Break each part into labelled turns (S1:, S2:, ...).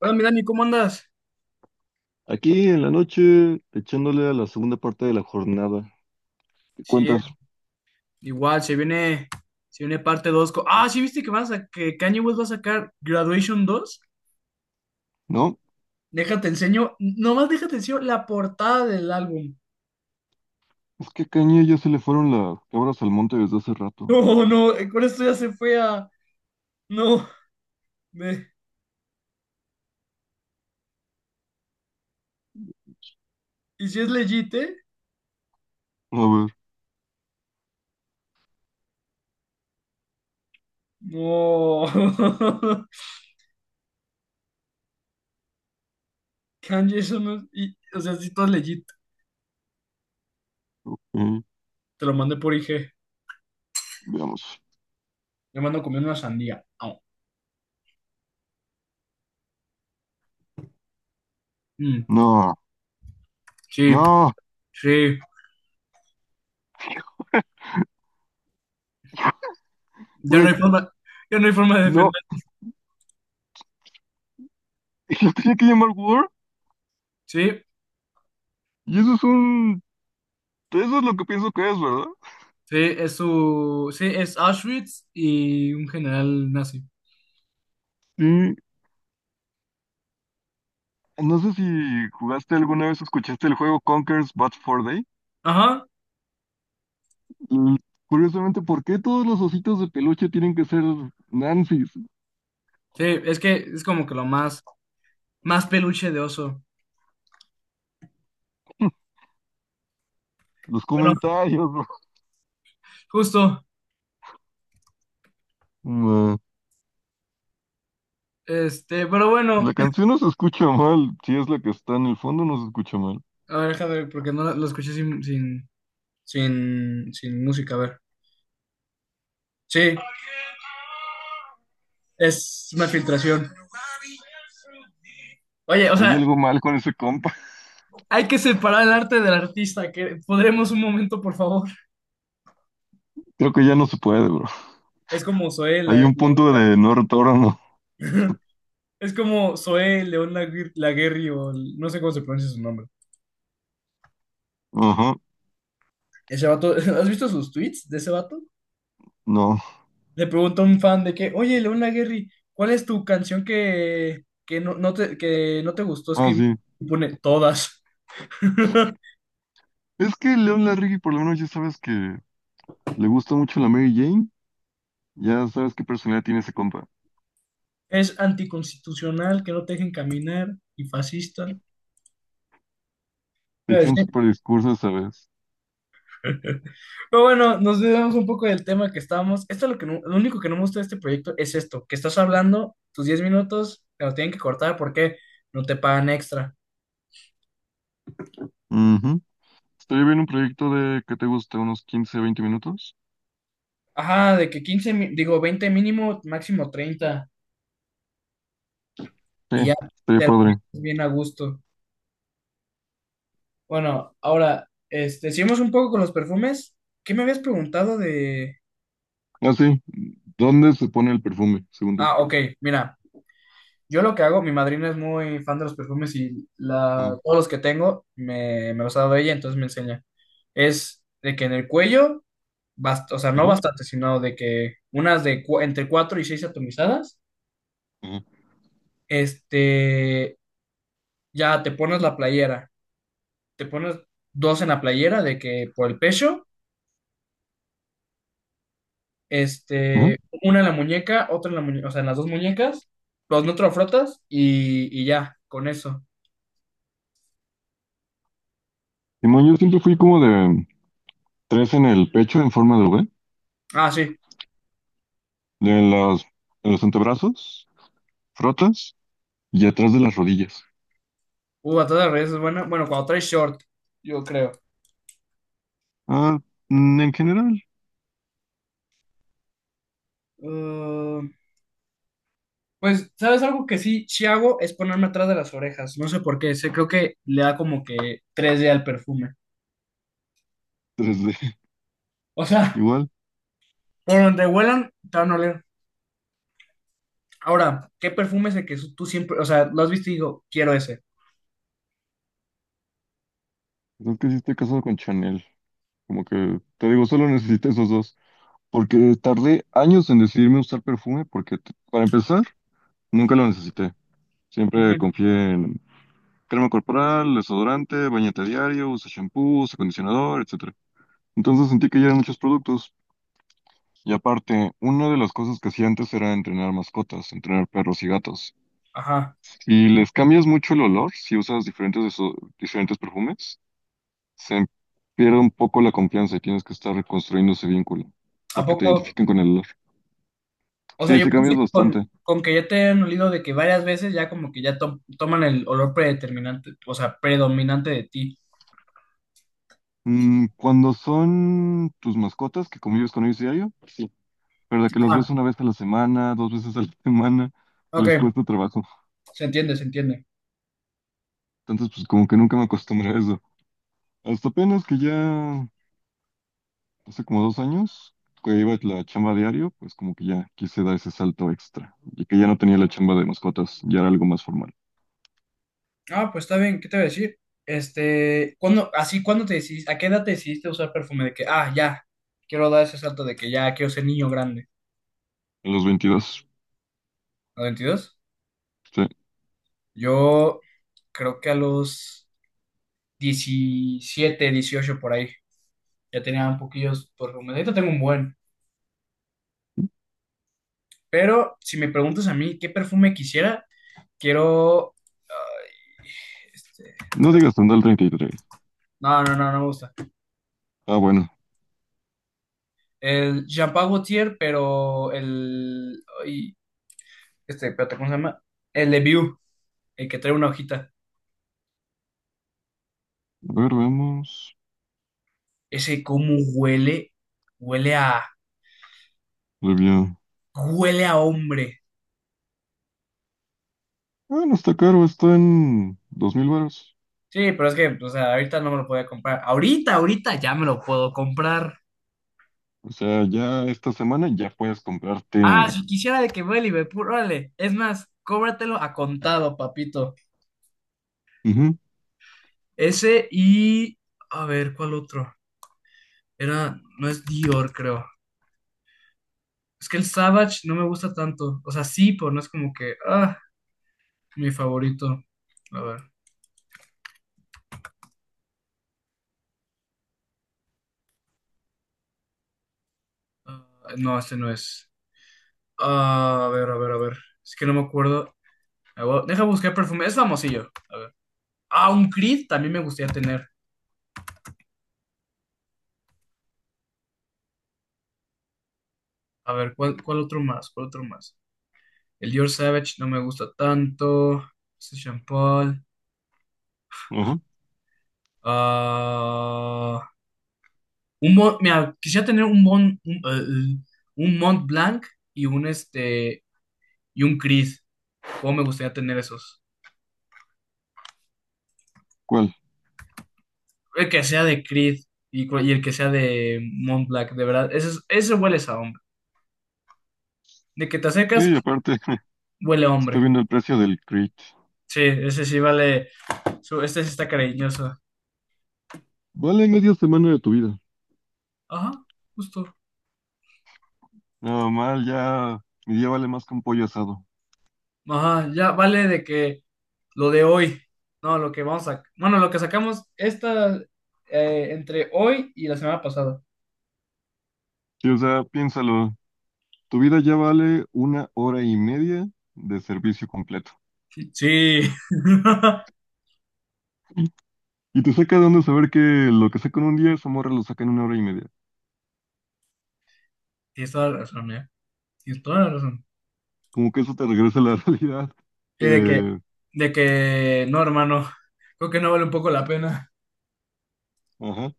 S1: Hola, mi Dani, ¿cómo andas?
S2: Aquí en la noche, echándole a la segunda parte de la jornada. ¿Qué
S1: Sí,
S2: cuentas?
S1: igual, se viene parte 2. Ah, sí, viste que van a que Kanye West va a sacar Graduation 2.
S2: ¿No?
S1: Déjate enseño, nomás déjate enseño la portada del álbum.
S2: Es que a Caña ya se le fueron las cabras al monte desde hace rato.
S1: No, no, con esto ya se fue a. No, me- ¿y si es legit, eh?
S2: A ver,
S1: No. Kanye, eso no es. O sea, si todo es legit.
S2: eh,
S1: Te lo mandé por IG.
S2: veamos.
S1: Le mando comiendo una sandía. Au. Mm,
S2: No,
S1: sí,
S2: no,
S1: sí. Ya no
S2: güey,
S1: hay forma, ya no hay forma de
S2: no.
S1: defender.
S2: Y lo tenía que llamar War.
S1: Sí,
S2: Y eso es un... Eso es lo que pienso que es, ¿verdad?
S1: sí, es su, sí, es Auschwitz y un general nazi.
S2: Sí. No sé si jugaste alguna vez o escuchaste el juego Conker's Bad Fur Day.
S1: Ajá,
S2: Mm, Curiosamente, ¿por qué todos los ositos de peluche tienen que ser Nancy's?
S1: sí, es que es como que más peluche de oso.
S2: Los
S1: Bueno,
S2: comentarios,
S1: justo,
S2: bro.
S1: pero bueno,
S2: La canción no se escucha mal, si es la que está en el fondo no se escucha mal.
S1: a ver, déjame ver, porque no lo escuché sin música, a ver. Sí, es una filtración. Oye, o
S2: Hay
S1: sea,
S2: algo mal con ese compa.
S1: hay que separar el arte del artista, que podremos un momento, por favor.
S2: Creo que ya no se puede, bro.
S1: Es como Zoé,
S2: Hay un punto de no retorno.
S1: Es como Zoé León Laguerri, o no sé cómo se pronuncia su nombre.
S2: Ajá,
S1: Ese vato, ¿has visto sus tweets de ese vato?
S2: no.
S1: Le pregunta a un fan de que, oye, León Laguerri, ¿cuál es tu canción no, que no te gustó
S2: Ah,
S1: escribir?
S2: sí.
S1: Y pone todas.
S2: Es que León Larregui por lo menos ya sabes que le gusta mucho la Mary Jane. Ya sabes qué personalidad tiene ese compa.
S1: Es anticonstitucional, que no te dejen caminar y fascista. Te
S2: Te
S1: iba a
S2: echó un
S1: decir.
S2: super discurso esa vez.
S1: Pero bueno, nos debemos un poco del tema que estábamos. Esto es lo que lo único que no me gusta de este proyecto es esto, que estás hablando tus 10 minutos, te lo tienen que cortar porque no te pagan extra.
S2: Ujú. Estaría bien un proyecto de que te guste unos 15, 20 minutos.
S1: Ajá, de que digo 20 mínimo, máximo 30,
S2: Sí,
S1: y ya
S2: estaría
S1: te la pasas
S2: padre.
S1: bien a gusto. Bueno, ahora, seguimos un poco con los perfumes. ¿Qué me habías preguntado de…?
S2: Ah, sí. ¿Dónde se pone el perfume? Segundo.
S1: Ah, ok, mira, yo lo que hago, mi madrina es muy fan de los perfumes y
S2: Ajá,
S1: todos los que tengo me los ha dado ella, entonces me enseña. Es de que en el cuello, o sea, no
S2: ajá,
S1: bastante, sino de que unas de entre 4 y 6 atomizadas,
S2: ajá.
S1: este, ya te pones la playera, te pones dos en la playera de que por el pecho.
S2: Ajá.
S1: Una en la muñeca, otra en la muñeca, o sea, en las dos muñecas, los neutrofrotas y ya, con eso.
S2: Simón, yo siempre fui como de tres en el pecho en forma de V,
S1: Ah, sí.
S2: de las, de los antebrazos, frotas y atrás de las rodillas.
S1: Batalla de redes es buena. Bueno, cuando traes short, yo creo.
S2: Ah, en general,
S1: Uh, pues, ¿sabes algo que sí hago? Es ponerme atrás de las orejas. No sé por qué. Sé, creo que le da como que 3D al perfume.
S2: 3D.
S1: O sea,
S2: Igual.
S1: por donde huelan, te van a oler. Ahora, ¿qué perfume es el que tú siempre, o sea, lo has visto y digo, quiero ese?
S2: Es que sí estoy casado con Chanel, como que te digo, solo necesito esos dos, porque tardé años en decidirme a usar perfume, porque para empezar, nunca lo necesité. Siempre
S1: Ujú.
S2: confié en crema corporal, desodorante, bañete diario, usa shampoo, usa acondicionador, etcétera. Entonces sentí que ya eran muchos productos. Y aparte, una de las cosas que hacía antes era entrenar mascotas, entrenar perros y gatos.
S1: Ajá.
S2: Si les cambias mucho el olor, si usas diferentes, diferentes perfumes, se pierde un poco la confianza y tienes que estar reconstruyendo ese vínculo,
S1: ¿A
S2: porque te
S1: poco?
S2: identifican con el olor.
S1: O sea,
S2: Sí,
S1: yo
S2: sí
S1: pienso
S2: cambias
S1: que
S2: bastante.
S1: con que ya te hayan olido de que varias veces ya como que ya toman el olor predeterminante, o sea, predominante de ti.
S2: Cuando son tus mascotas que convives con ellos diario, sí. Pero de que los ves
S1: Ah,
S2: una vez a la semana, dos veces a la semana,
S1: ok,
S2: les cuesta trabajo.
S1: se entiende, se entiende.
S2: Entonces, pues como que nunca me acostumbré a eso. Hasta apenas que ya hace como 2 años, que iba a la chamba diario, pues como que ya quise dar ese salto extra y que ya no tenía la chamba de mascotas, ya era algo más formal.
S1: Ah, pues está bien, ¿qué te voy a decir? Este, ¿cuándo, así, cuándo te decidiste, a qué edad te decidiste usar perfume? De que, ah, ya, quiero dar ese salto de que ya quiero ser niño grande.
S2: En los 22,
S1: ¿A 22?
S2: sí.
S1: Yo creo que a los 17, 18 por ahí, ya tenía un poquillos perfume. Ahorita tengo un buen. Pero si me preguntas a mí qué perfume quisiera, quiero. Ay, este,
S2: No digas tan el 33.
S1: no, no, no, no me gusta.
S2: Ah, bueno.
S1: El Jean-Paul Gaultier, pero el. Ay, espérate, ¿cómo se llama? El de View, el que trae una hojita.
S2: A ver, veamos.
S1: Ese, ¿cómo huele? Huele a.
S2: Debía...
S1: Huele a hombre.
S2: Ah, no está caro, está en 2,000 varos.
S1: Sí, pero es que, o sea, ahorita no me lo podía comprar. Ahorita, ahorita ya me lo puedo comprar.
S2: O sea, ya esta semana ya puedes comprarte...
S1: Ah, si quisiera de que voy a Liverpool, órale. Es más, cóbratelo a contado, papito.
S2: Ujú,
S1: Ese y. A ver, ¿cuál otro? Era, no es Dior, creo. Es que el Savage no me gusta tanto. O sea, sí, pero no es como que, ah, mi favorito. A ver. Ah, no, este no es. Ah, a ver, a ver, a ver. Es que no me acuerdo. Ah, bueno, deja buscar perfume. Es famosillo. A ver. Ah, un Creed también me gustaría tener. A ver, ¿cuál otro más? ¿Cuál otro más? El Dior Savage no me gusta tanto. Este Jean Paul.
S2: ajá.
S1: Ah, un mira, quisiera tener un un Mont Blanc y un y un Creed. ¿Cómo me gustaría tener esos?
S2: ¿Cuál?
S1: El que sea de Creed y el que sea de Montblanc de verdad. Ese, ese huele a hombre. De que te acercas,
S2: Sí, aparte,
S1: huele a
S2: estoy
S1: hombre.
S2: viendo el precio del crit.
S1: Sí, ese sí vale. Este sí está cariñoso.
S2: Vale media semana de tu vida.
S1: Ajá, justo.
S2: No, mal, ya... Mi día vale más que un pollo asado.
S1: Ajá, ya vale de que lo de hoy. No, lo que vamos a. Bueno, lo que sacamos esta entre hoy y la semana pasada.
S2: Sí, o sea, piénsalo, tu vida ya vale una hora y media de servicio completo.
S1: Sí.
S2: Y te saca de onda saber que lo que saca en un día, esa morra lo saca en una hora y media.
S1: Tienes toda la razón, ¿eh? Tienes toda la razón.
S2: Como que eso te regresa a la realidad.
S1: Sí,
S2: Eh,
S1: de que, no, hermano, creo que no vale un poco la pena.
S2: ajá.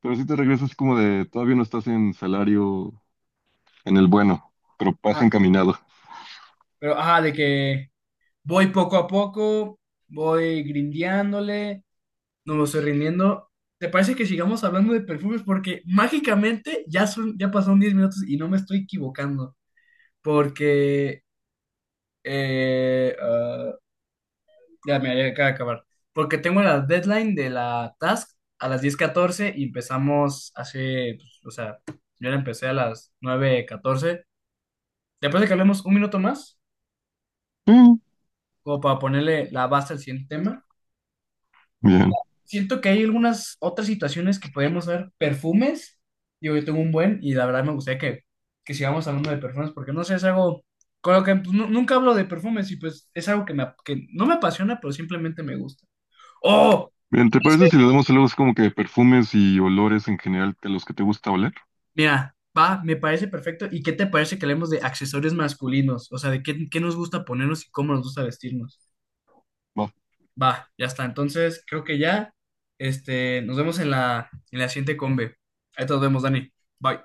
S2: Pero sí te regresa así como de, todavía no estás en salario, en el bueno, pero vas
S1: Ah,
S2: encaminado.
S1: pero, ajá, de que voy poco a poco, voy grindeándole, no me estoy rindiendo. ¿Te parece que sigamos hablando de perfumes? Porque mágicamente ya son, ya pasaron 10 minutos y no me estoy equivocando. Porque, eh, ah, ya, mira, ya acaba de acabar. Porque tengo la deadline de la task a las 10:14 y empezamos hace, pues, o sea, yo la empecé a las 9:14. ¿Te parece que hablemos un minuto más?
S2: Mm,
S1: Como para ponerle la base al siguiente tema. Mira,
S2: bien.
S1: siento que hay algunas otras situaciones que podemos ver. Perfumes. Digo, yo tengo un buen y la verdad me gustaría que sigamos hablando de perfumes porque no sé, es algo con lo que pues, nunca hablo de perfumes y pues es algo que no me apasiona, pero simplemente me gusta. ¡Oh!
S2: Bien, ¿te
S1: Ya
S2: parece
S1: sé.
S2: si le damos algo así como que perfumes y olores en general de los que te gusta oler?
S1: Mira, va, me parece perfecto. ¿Y qué te parece que hablemos de accesorios masculinos? O sea, de qué, qué nos gusta ponernos y cómo nos gusta vestirnos.
S2: Va.
S1: Va, ya está. Entonces, creo que ya, nos vemos en en la siguiente combe. Ahí te nos vemos, Dani. Bye.